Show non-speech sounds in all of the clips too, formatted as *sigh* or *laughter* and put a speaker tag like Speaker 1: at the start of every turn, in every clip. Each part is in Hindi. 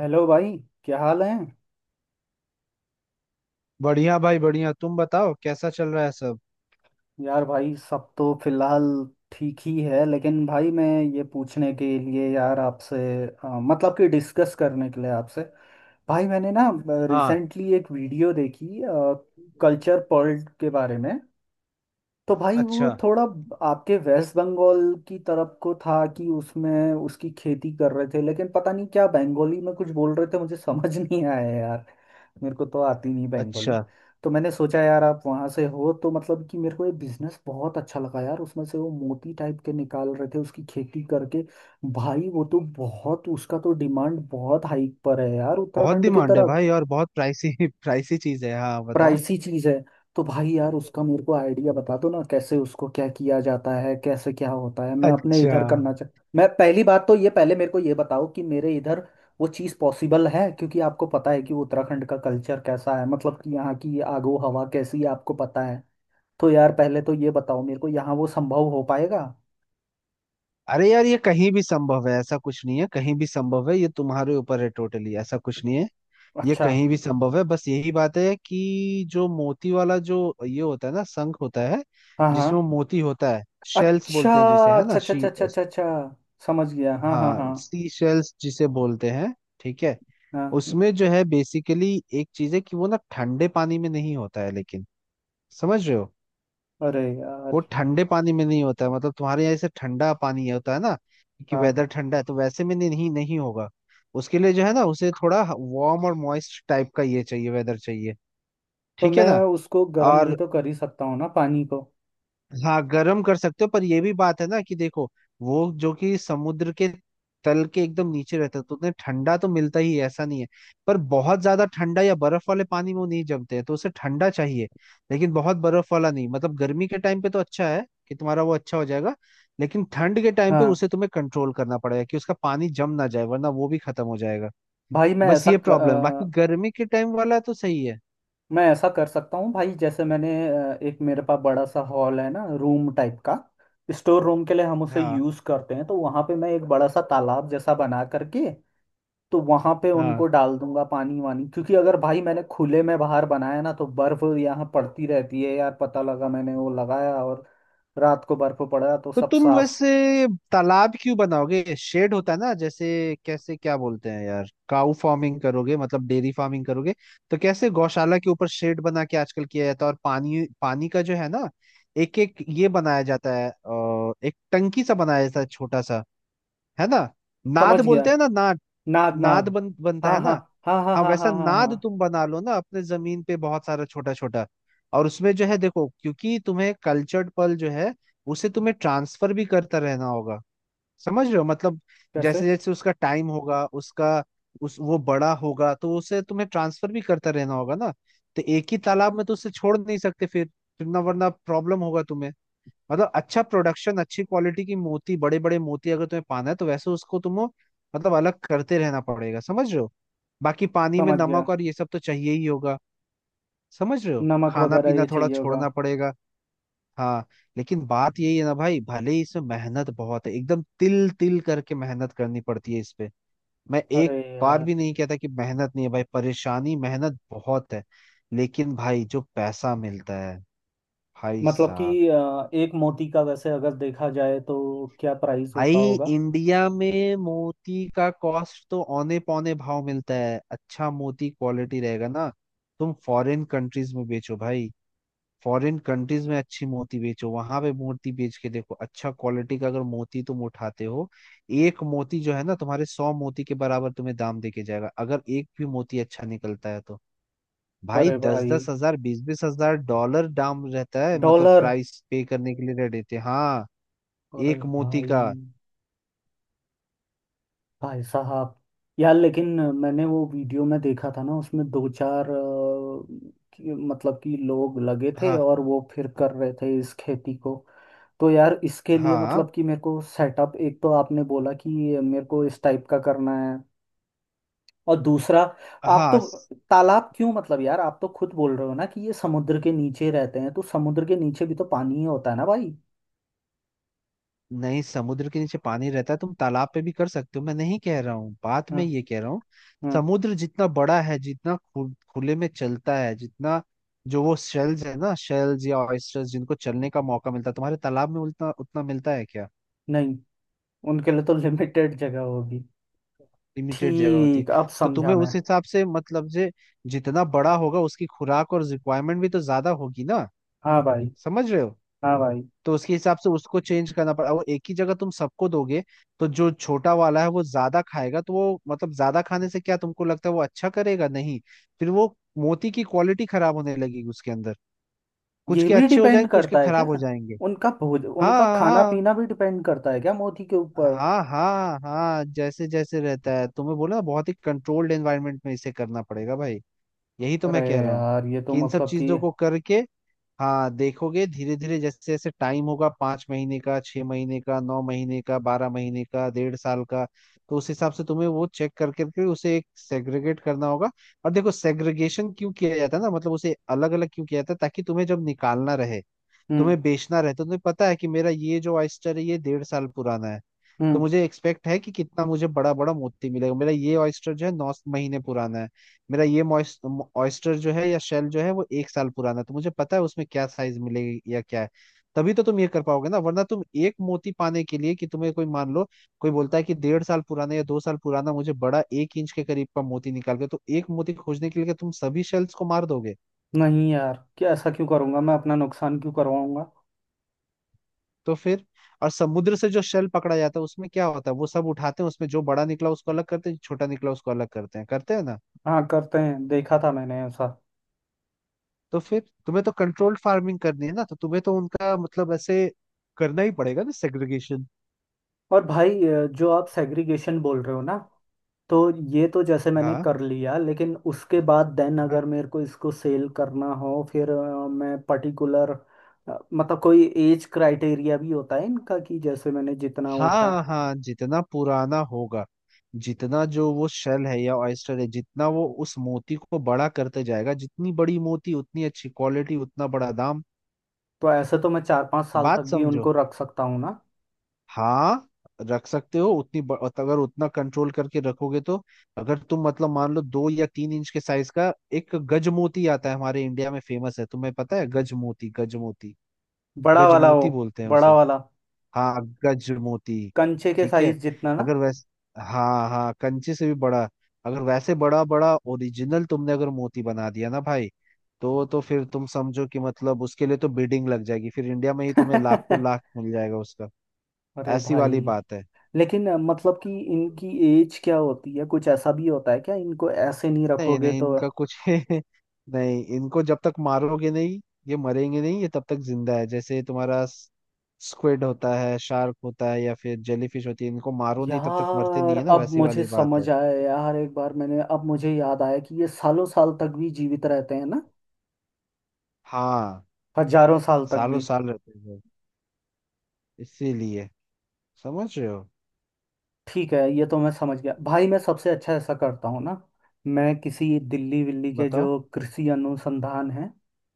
Speaker 1: हेलो भाई। क्या हाल है।
Speaker 2: बढ़िया भाई, बढ़िया। तुम बताओ कैसा चल रहा है सब।
Speaker 1: यार भाई सब तो फिलहाल ठीक ही है, लेकिन भाई मैं ये पूछने के लिए यार आपसे, मतलब कि डिस्कस करने के लिए आपसे, भाई मैंने ना
Speaker 2: हाँ।
Speaker 1: रिसेंटली एक वीडियो देखी कल्चर पर्ल के बारे में। तो भाई वो
Speaker 2: अच्छा।
Speaker 1: थोड़ा आपके वेस्ट बंगाल की तरफ को था कि उसमें उसकी खेती कर रहे थे, लेकिन पता नहीं क्या बंगाली में कुछ बोल रहे थे मुझे *laughs* समझ नहीं आया यार। मेरे को तो आती नहीं बंगाली।
Speaker 2: अच्छा।
Speaker 1: तो मैंने सोचा यार आप वहाँ से हो, तो मतलब कि मेरे को ये बिजनेस बहुत अच्छा लगा यार। उसमें से वो मोती टाइप के निकाल रहे थे उसकी खेती करके। भाई वो तो बहुत उसका तो डिमांड बहुत हाइक पर है यार
Speaker 2: बहुत
Speaker 1: उत्तराखंड की
Speaker 2: डिमांड है
Speaker 1: तरफ।
Speaker 2: भाई, और बहुत प्राइसी *laughs* प्राइसी चीज है। हाँ, बताओ।
Speaker 1: प्राइसी चीज है। तो भाई यार उसका मेरे को आइडिया बता दो ना, कैसे उसको क्या किया जाता है, कैसे क्या होता है, मैं अपने
Speaker 2: अच्छा।
Speaker 1: इधर करना चाह। मैं पहली बात तो ये पहले मेरे को ये बताओ कि मेरे इधर वो चीज़ पॉसिबल है, क्योंकि आपको पता है कि उत्तराखंड का कल्चर कैसा है, मतलब कि यहाँ की आगो हवा कैसी है, आपको पता है। तो यार पहले तो ये बताओ मेरे को, यहाँ वो संभव हो पाएगा।
Speaker 2: अरे यार, ये कहीं भी संभव है, ऐसा कुछ नहीं है। कहीं भी संभव है, ये तुम्हारे ऊपर है टोटली। ऐसा कुछ नहीं है। ये
Speaker 1: अच्छा।
Speaker 2: कहीं भी संभव है। बस यही बात है कि जो मोती वाला जो ये होता है ना, शंख होता है,
Speaker 1: हाँ हाँ।
Speaker 2: जिसमें मोती होता है। शेल्स
Speaker 1: अच्छा
Speaker 2: बोलते हैं जिसे, है ना।
Speaker 1: अच्छा अच्छा अच्छा अच्छा अच्छा अच्छा, समझ गया। हाँ हाँ हाँ।
Speaker 2: हाँ, सी शेल्स जिसे बोलते हैं। ठीक है।
Speaker 1: हाँ।
Speaker 2: उसमें जो है बेसिकली एक चीज है कि वो ना ठंडे पानी में नहीं होता है, लेकिन समझ रहे हो,
Speaker 1: अरे यार।
Speaker 2: वो ठंडे पानी में नहीं होता है। मतलब तुम्हारे यहाँ जैसे ठंडा पानी होता है ना, कि
Speaker 1: हाँ।
Speaker 2: वेदर ठंडा है, तो वैसे में नहीं, नहीं होगा। उसके लिए जो है ना, उसे थोड़ा वार्म और मॉइस्ट टाइप का ये चाहिए, वेदर चाहिए।
Speaker 1: तो
Speaker 2: ठीक है
Speaker 1: मैं
Speaker 2: ना।
Speaker 1: उसको गर्म भी
Speaker 2: और
Speaker 1: तो कर ही सकता हूँ ना पानी को।
Speaker 2: हाँ, गर्म कर सकते हो, पर ये भी बात है ना कि देखो, वो जो कि समुद्र के तल के एकदम नीचे रहता है, तो उन्हें ठंडा तो मिलता ही है, ऐसा नहीं है। पर बहुत ज्यादा ठंडा या बर्फ वाले पानी में वो नहीं जमते हैं, तो उसे ठंडा चाहिए लेकिन बहुत बर्फ वाला नहीं। मतलब गर्मी के टाइम पे तो अच्छा है कि तुम्हारा वो अच्छा हो जाएगा, लेकिन ठंड के टाइम पे
Speaker 1: हाँ
Speaker 2: उसे तुम्हें कंट्रोल करना पड़ेगा, कि उसका पानी जम ना जाए, वरना वो भी खत्म हो जाएगा।
Speaker 1: भाई।
Speaker 2: बस ये प्रॉब्लम है, बाकी गर्मी के टाइम वाला तो सही है।
Speaker 1: मैं ऐसा कर सकता हूँ भाई, जैसे मैंने एक, मेरे पास बड़ा सा हॉल है ना रूम टाइप का, स्टोर रूम के लिए हम उसे
Speaker 2: हाँ,
Speaker 1: यूज़ करते हैं, तो वहाँ पे मैं एक बड़ा सा तालाब जैसा बना करके, तो वहां पे उनको
Speaker 2: हाँ।
Speaker 1: डाल दूंगा पानी वानी। क्योंकि अगर भाई मैंने खुले में बाहर बनाया ना, तो बर्फ यहाँ पड़ती रहती है यार। पता लगा मैंने वो लगाया और रात को बर्फ पड़ा तो
Speaker 2: तो
Speaker 1: सब
Speaker 2: तुम
Speaker 1: साफ।
Speaker 2: वैसे तालाब क्यों बनाओगे, शेड होता है ना। जैसे कैसे क्या बोलते हैं यार, काउ फार्मिंग करोगे, मतलब डेयरी फार्मिंग करोगे, तो कैसे गौशाला के ऊपर शेड बना के आजकल किया जाता है। और पानी, पानी का जो है ना, एक एक ये बनाया जाता है, एक टंकी सा बनाया जाता है छोटा सा, है ना।
Speaker 1: समझ
Speaker 2: नाद
Speaker 1: गया।
Speaker 2: बोलते हैं ना, नाद।
Speaker 1: नाद
Speaker 2: नाद
Speaker 1: नाद।
Speaker 2: बन बनता
Speaker 1: हाँ
Speaker 2: है
Speaker 1: हाँ
Speaker 2: ना।
Speaker 1: हाँ हाँ
Speaker 2: हाँ,
Speaker 1: हाँ
Speaker 2: वैसा
Speaker 1: हाँ हाँ
Speaker 2: नाद
Speaker 1: हाँ।
Speaker 2: तुम बना लो ना अपने जमीन पे, बहुत सारा छोटा छोटा। और उसमें जो है देखो, क्योंकि तुम्हें कल्चर्ड पल जो है, उसे तुम्हें ट्रांसफर भी करता रहना होगा। समझ रहे हो मतलब,
Speaker 1: कैसे।
Speaker 2: जैसे जैसे उसका टाइम होगा उसका उस वो बड़ा होगा, तो उसे तुम्हें ट्रांसफर भी करता रहना होगा ना। तो एक ही तालाब में तो उसे छोड़ नहीं सकते फिर। ना, वरना प्रॉब्लम होगा तुम्हें। मतलब अच्छा प्रोडक्शन, अच्छी क्वालिटी की मोती, बड़े बड़े मोती अगर तुम्हें पाना है, तो वैसे उसको तुम मतलब अलग करते रहना पड़ेगा। समझ रहे हो। बाकी पानी में
Speaker 1: समझ गया।
Speaker 2: नमक और ये सब तो चाहिए ही होगा। समझ रहे हो,
Speaker 1: नमक
Speaker 2: खाना
Speaker 1: वगैरह
Speaker 2: पीना
Speaker 1: ये
Speaker 2: थोड़ा
Speaker 1: चाहिए होगा।
Speaker 2: छोड़ना पड़ेगा। हाँ। लेकिन बात यही है ना भाई, भले ही इसमें मेहनत बहुत है, एकदम तिल तिल करके मेहनत करनी पड़ती है इस पे। मैं
Speaker 1: अरे
Speaker 2: एक बार
Speaker 1: यार।
Speaker 2: भी नहीं कहता कि मेहनत नहीं है भाई, परेशानी मेहनत बहुत है, लेकिन भाई जो पैसा मिलता है, भाई
Speaker 1: मतलब कि
Speaker 2: साहब।
Speaker 1: एक मोती का वैसे अगर देखा जाए तो क्या प्राइस
Speaker 2: भाई
Speaker 1: होता होगा।
Speaker 2: इंडिया में मोती का कॉस्ट तो औने पौने भाव मिलता है। अच्छा मोती क्वालिटी रहेगा ना, तुम फॉरेन कंट्रीज में बेचो भाई। फॉरेन कंट्रीज में अच्छी मोती बेचो, वहां पे मोती बेच के देखो, अच्छा क्वालिटी का अगर मोती तुम उठाते हो, एक मोती जो है ना तुम्हारे 100 मोती के बराबर तुम्हें दाम देके जाएगा। अगर एक भी मोती अच्छा निकलता है, तो भाई
Speaker 1: अरे
Speaker 2: दस
Speaker 1: भाई।
Speaker 2: दस हजार, बीस बीस हजार डॉलर दाम रहता है, मतलब
Speaker 1: डॉलर।
Speaker 2: प्राइस पे करने के लिए रह देते हैं। हाँ,
Speaker 1: अरे
Speaker 2: एक मोती
Speaker 1: भाई।
Speaker 2: का।
Speaker 1: भाई साहब। यार लेकिन मैंने वो वीडियो में देखा था ना, उसमें दो चार मतलब कि लोग लगे थे
Speaker 2: हाँ,
Speaker 1: और वो फिर कर रहे थे इस खेती को। तो यार इसके लिए
Speaker 2: हाँ,
Speaker 1: मतलब कि मेरे को सेटअप, एक तो आपने बोला कि मेरे को इस टाइप का करना है, और दूसरा आप तो
Speaker 2: हाँ।
Speaker 1: तालाब क्यों, मतलब यार आप तो खुद बोल रहे हो ना कि ये समुद्र के नीचे रहते हैं, तो समुद्र के नीचे भी तो पानी ही होता है ना भाई।
Speaker 2: नहीं, समुद्र के नीचे पानी रहता है, तुम तालाब पे भी कर सकते हो, मैं नहीं कह रहा हूँ बात। मैं
Speaker 1: हम्म।
Speaker 2: ये कह रहा हूँ,
Speaker 1: हम्म।
Speaker 2: समुद्र जितना बड़ा है, जितना खुले में चलता है, जितना जो वो शेल्स है ना, शेल्स या ऑयस्टर्स, जिनको चलने का मौका मिलता है, तुम्हारे तालाब में उतना उतना मिलता है क्या।
Speaker 1: नहीं, उनके लिए तो *laughs* लिमिटेड जगह होगी।
Speaker 2: लिमिटेड जगह होती है।
Speaker 1: ठीक, अब
Speaker 2: तो
Speaker 1: समझा
Speaker 2: तुम्हें
Speaker 1: मैं।
Speaker 2: उस हिसाब से मतलब जे जितना बड़ा होगा, उसकी खुराक और रिक्वायरमेंट भी तो ज्यादा होगी ना।
Speaker 1: हाँ भाई।
Speaker 2: समझ रहे हो।
Speaker 1: हाँ भाई।
Speaker 2: तो उसके हिसाब से उसको चेंज करना पड़ा, और एक ही जगह तुम सबको दोगे, तो जो छोटा वाला है वो ज्यादा खाएगा, तो वो मतलब ज्यादा खाने से क्या तुमको लगता है वो अच्छा करेगा? नहीं। फिर वो मोती की क्वालिटी खराब होने लगेगी उसके अंदर। कुछ
Speaker 1: ये
Speaker 2: के
Speaker 1: भी
Speaker 2: अच्छे हो
Speaker 1: डिपेंड
Speaker 2: जाएंगे, कुछ के
Speaker 1: करता है
Speaker 2: खराब
Speaker 1: क्या,
Speaker 2: हो जाएंगे।
Speaker 1: उनका भोज उनका
Speaker 2: हाँ,
Speaker 1: खाना
Speaker 2: हाँ।
Speaker 1: पीना भी डिपेंड करता है क्या मोदी के ऊपर।
Speaker 2: हाँ, हाँ, हाँ, जैसे जैसे रहता है तुम्हें बोला ना, बहुत ही कंट्रोल्ड एनवायरनमेंट में इसे करना पड़ेगा भाई। यही तो
Speaker 1: अरे
Speaker 2: मैं कह रहा हूँ,
Speaker 1: यार, ये तो
Speaker 2: कि इन सब
Speaker 1: मतलब कि।
Speaker 2: चीजों को करके। हाँ, देखोगे धीरे धीरे, जैसे जैसे टाइम होगा, 5 महीने का, 6 महीने का, 9 महीने का, 12 महीने का, डेढ़ साल का, तो उस हिसाब से तुम्हें वो चेक कर करके उसे एक सेग्रीगेट करना होगा। और देखो, सेग्रीगेशन क्यों किया जाता है ना, मतलब उसे अलग अलग क्यों किया जाता है, ताकि तुम्हें जब निकालना रहे,
Speaker 1: हम्म।
Speaker 2: तुम्हें बेचना रहे, तो तुम्हें पता है कि मेरा ये जो ऑयस्टर है ये डेढ़ साल पुराना है, तो
Speaker 1: हम्म।
Speaker 2: मुझे एक्सपेक्ट है कि कितना मुझे बड़ा बड़ा मोती मिलेगा। मेरा ये ऑयस्टर जो है 9 महीने पुराना है। मेरा ये ऑयस्टर जो है, या शेल जो है, वो एक साल पुराना है, तो मुझे पता है उसमें क्या साइज मिलेगी या क्या है। तभी तो तुम ये कर पाओगे ना, वरना तुम एक मोती पाने के लिए, कि तुम्हें कोई मान लो कोई बोलता है कि डेढ़ साल पुराना या दो साल पुराना, मुझे बड़ा 1 इंच के करीब का मोती निकाल के, तो एक मोती खोजने के लिए तुम सभी शेल्स को मार दोगे।
Speaker 1: नहीं यार, क्या ऐसा क्यों करूंगा मैं, अपना नुकसान क्यों करवाऊंगा।
Speaker 2: तो फिर। और समुद्र से जो शेल पकड़ा जाता है, उसमें क्या होता है, वो सब उठाते हैं, उसमें जो बड़ा निकला उसको अलग करते हैं, जो छोटा निकला उसको अलग करते हैं, करते हैं ना।
Speaker 1: हाँ करते हैं, देखा था मैंने ऐसा।
Speaker 2: तो फिर तुम्हें तो कंट्रोल्ड फार्मिंग करनी है ना, तो तुम्हें तो उनका मतलब ऐसे करना ही पड़ेगा ना, सेग्रीगेशन।
Speaker 1: और भाई, जो आप सेग्रीगेशन बोल रहे हो ना, तो ये तो जैसे मैंने
Speaker 2: हाँ,
Speaker 1: कर लिया, लेकिन उसके बाद देन
Speaker 2: हाँ।
Speaker 1: अगर मेरे को इसको सेल करना हो, फिर मैं पर्टिकुलर, मतलब कोई एज क्राइटेरिया भी होता है इनका, कि जैसे मैंने जितना उठा।
Speaker 2: हाँ, हाँ, जितना पुराना होगा, जितना जो वो शेल है या ऑयस्टर है, जितना वो उस मोती को बड़ा करते जाएगा, जितनी बड़ी मोती उतनी अच्छी क्वालिटी, उतना बड़ा दाम।
Speaker 1: तो ऐसे तो मैं 4-5 साल तक
Speaker 2: बात
Speaker 1: भी
Speaker 2: समझो।
Speaker 1: उनको रख सकता हूँ ना।
Speaker 2: हाँ, रख सकते हो, उतनी अगर उतना कंट्रोल करके रखोगे तो। अगर तुम मतलब मान लो 2 या 3 इंच के साइज का एक गजमोती आता है हमारे इंडिया में, फेमस है, तुम्हें पता है, गजमोती। गजमोती,
Speaker 1: बड़ा वाला हो।
Speaker 2: गजमोती बोलते हैं
Speaker 1: बड़ा
Speaker 2: उसे।
Speaker 1: वाला,
Speaker 2: हाँ, गजमोती।
Speaker 1: कंचे के
Speaker 2: ठीक है।
Speaker 1: साइज जितना ना।
Speaker 2: अगर वैस हाँ, हाँ, कंचे से भी बड़ा। अगर वैसे बड़ा बड़ा ओरिजिनल तुमने अगर मोती बना दिया ना भाई, तो फिर तुम समझो कि मतलब उसके लिए तो बिडिंग लग जाएगी फिर इंडिया में ही, तुम्हें लाखों लाख
Speaker 1: *laughs*
Speaker 2: मिल जाएगा उसका।
Speaker 1: अरे
Speaker 2: ऐसी
Speaker 1: भाई।
Speaker 2: वाली बात है।
Speaker 1: लेकिन मतलब कि इनकी एज क्या होती है, कुछ ऐसा भी होता है क्या, इनको ऐसे नहीं
Speaker 2: नहीं,
Speaker 1: रखोगे
Speaker 2: नहीं,
Speaker 1: तो।
Speaker 2: इनका कुछ *laughs* नहीं। इनको जब तक मारोगे नहीं, ये मरेंगे नहीं, ये तब तक जिंदा है। जैसे तुम्हारा स्क्विड होता है, शार्क होता है, या फिर जेलीफिश होती है, इनको मारो नहीं तब तक मरते नहीं
Speaker 1: यार
Speaker 2: है ना,
Speaker 1: अब
Speaker 2: वैसी
Speaker 1: मुझे
Speaker 2: वाली बात
Speaker 1: समझ
Speaker 2: है।
Speaker 1: आया यार, एक बार मैंने, अब मुझे याद आया कि ये सालों साल तक भी जीवित रहते हैं ना,
Speaker 2: हाँ,
Speaker 1: हजारों साल तक
Speaker 2: सालों
Speaker 1: भी।
Speaker 2: साल रहते हैं वो। इसीलिए। समझ रहे हो।
Speaker 1: ठीक है, ये तो मैं समझ गया भाई। मैं सबसे अच्छा ऐसा करता हूँ ना, मैं किसी दिल्ली विल्ली के
Speaker 2: बताओ।
Speaker 1: जो कृषि अनुसंधान है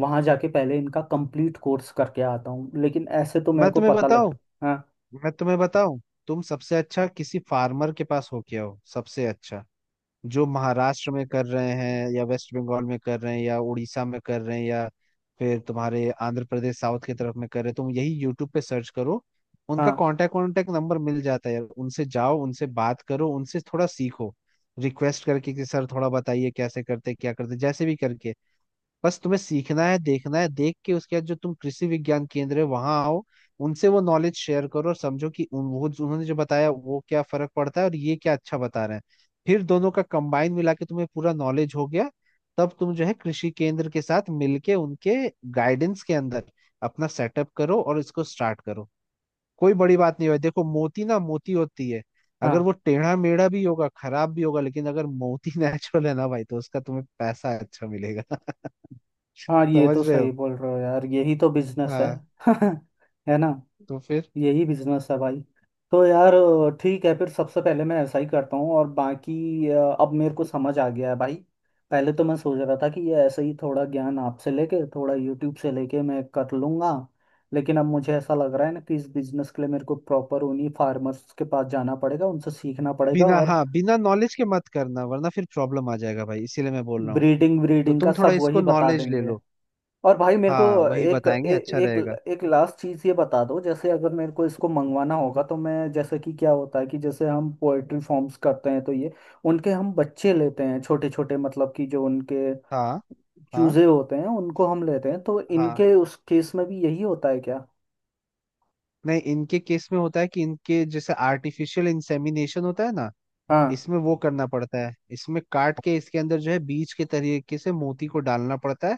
Speaker 1: वहां जाके पहले इनका कंप्लीट कोर्स करके आता हूँ, लेकिन ऐसे तो मेरे
Speaker 2: मैं
Speaker 1: को
Speaker 2: तुम्हें
Speaker 1: पता लग।
Speaker 2: बताऊं
Speaker 1: हाँ
Speaker 2: मैं तुम्हें बताऊं, तुम सबसे अच्छा किसी फार्मर के पास होके आओ, सबसे अच्छा। जो महाराष्ट्र में कर रहे हैं, या वेस्ट बंगाल में कर रहे हैं, या उड़ीसा में कर रहे हैं, या फिर तुम्हारे आंध्र प्रदेश साउथ की तरफ में कर रहे हैं, तुम यही यूट्यूब पे सर्च करो। उनका
Speaker 1: हाँ
Speaker 2: कांटेक्ट कांटेक्ट नंबर मिल जाता है यार, उनसे जाओ, उनसे बात करो, उनसे थोड़ा सीखो। रिक्वेस्ट करके, कि सर थोड़ा बताइए कैसे करते क्या करते, जैसे भी करके। बस तुम्हें सीखना है, देखना है, देख के उसके बाद जो तुम कृषि विज्ञान केंद्र है, वहां आओ। उनसे वो नॉलेज शेयर करो, और समझो कि वो उन्होंने जो बताया वो क्या फर्क पड़ता है, और ये क्या अच्छा बता रहे हैं। फिर दोनों का कंबाइन मिला के तुम्हें पूरा नॉलेज हो गया। तब तुम जो है कृषि केंद्र के साथ मिलके, उनके गाइडेंस के अंदर अपना सेटअप करो और इसको स्टार्ट करो। कोई बड़ी बात नहीं है देखो, मोती ना मोती होती है। अगर
Speaker 1: हाँ
Speaker 2: वो टेढ़ा मेढ़ा भी होगा, खराब भी होगा, लेकिन अगर मोती *laughs* नेचुरल है ना भाई, तो उसका तुम्हें पैसा अच्छा मिलेगा। *laughs*
Speaker 1: हाँ। ये
Speaker 2: समझ
Speaker 1: तो
Speaker 2: रहे
Speaker 1: सही
Speaker 2: हो।
Speaker 1: बोल रहे हो यार, यही तो बिजनेस है।
Speaker 2: हाँ।
Speaker 1: *laughs* है ना।
Speaker 2: तो फिर।
Speaker 1: यही बिजनेस है भाई। तो यार ठीक है, फिर सबसे पहले मैं ऐसा ही करता हूँ, और बाकी अब मेरे को समझ आ गया है भाई। पहले तो मैं सोच रहा था कि ये ऐसे ही थोड़ा ज्ञान आपसे लेके थोड़ा यूट्यूब से लेके मैं कर लूँगा, लेकिन अब मुझे ऐसा लग रहा है ना कि इस बिजनेस के लिए मेरे को प्रॉपर उन्हीं फार्मर्स के पास जाना पड़ेगा, उनसे सीखना पड़ेगा
Speaker 2: बिना,
Speaker 1: और
Speaker 2: हाँ, बिना नॉलेज के मत करना, वरना फिर प्रॉब्लम आ जाएगा भाई, इसीलिए मैं बोल रहा हूँ।
Speaker 1: ब्रीडिंग
Speaker 2: तो
Speaker 1: ब्रीडिंग का
Speaker 2: तुम थोड़ा
Speaker 1: सब
Speaker 2: इसको
Speaker 1: वही बता
Speaker 2: नॉलेज ले
Speaker 1: देंगे।
Speaker 2: लो।
Speaker 1: और भाई मेरे को
Speaker 2: हाँ, वही
Speaker 1: एक
Speaker 2: बताएंगे,
Speaker 1: ए,
Speaker 2: अच्छा
Speaker 1: एक
Speaker 2: रहेगा।
Speaker 1: एक लास्ट चीज़ ये बता दो, जैसे अगर मेरे को इसको मंगवाना होगा, तो मैं, जैसे कि क्या होता है कि जैसे हम पोएट्री फॉर्म्स करते हैं, तो ये उनके हम बच्चे लेते हैं छोटे छोटे, मतलब कि जो उनके
Speaker 2: हाँ, हाँ,
Speaker 1: चूजे होते हैं उनको हम लेते हैं, तो
Speaker 2: हाँ।
Speaker 1: इनके उस केस में भी यही होता है क्या।
Speaker 2: नहीं, इनके केस में होता है कि इनके जैसे आर्टिफिशियल इंसेमिनेशन होता है ना,
Speaker 1: हाँ
Speaker 2: इसमें वो करना पड़ता है, इसमें काट के इसके अंदर जो है बीज के तरीके से मोती को डालना पड़ता है।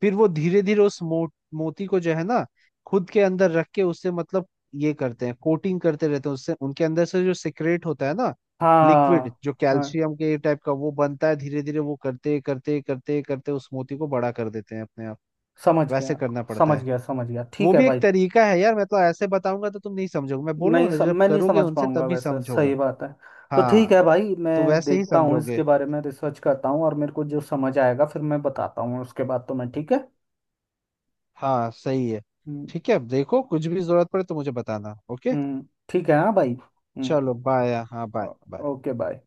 Speaker 2: फिर वो धीरे धीरे उस मोती को जो है ना, खुद के अंदर रख के उससे मतलब ये करते हैं, कोटिंग करते रहते हैं उससे, उनके अंदर से जो सिक्रेट होता है ना, लिक्विड
Speaker 1: हाँ
Speaker 2: जो
Speaker 1: हाँ।
Speaker 2: कैल्शियम के टाइप का वो बनता है, धीरे धीरे वो करते करते करते करते उस मोती को बड़ा कर देते हैं अपने आप।
Speaker 1: समझ
Speaker 2: वैसे
Speaker 1: गया
Speaker 2: करना पड़ता
Speaker 1: समझ
Speaker 2: है।
Speaker 1: गया समझ गया।
Speaker 2: वो
Speaker 1: ठीक है
Speaker 2: भी
Speaker 1: भाई।
Speaker 2: एक तरीका है यार, मैं तो ऐसे बताऊंगा तो तुम नहीं समझोगे, मैं बोल रहा हूँ ना, जब
Speaker 1: मैं नहीं
Speaker 2: करोगे
Speaker 1: समझ
Speaker 2: उनसे
Speaker 1: पाऊंगा
Speaker 2: तभी
Speaker 1: वैसे,
Speaker 2: समझोगे।
Speaker 1: सही बात है। तो ठीक
Speaker 2: हाँ,
Speaker 1: है भाई,
Speaker 2: तो
Speaker 1: मैं
Speaker 2: वैसे ही
Speaker 1: देखता हूँ
Speaker 2: समझोगे।
Speaker 1: इसके बारे में, रिसर्च करता हूँ, और मेरे को जो समझ आएगा फिर मैं बताता हूँ उसके बाद तो। मैं ठीक है।
Speaker 2: हाँ, सही है।
Speaker 1: हम्म।
Speaker 2: ठीक है देखो, कुछ भी जरूरत पड़े तो मुझे बताना, ओके।
Speaker 1: ठीक है हाँ भाई। हम्म।
Speaker 2: चलो बाय, हाँ, बाय
Speaker 1: ओ-
Speaker 2: बाय।
Speaker 1: Okay bye.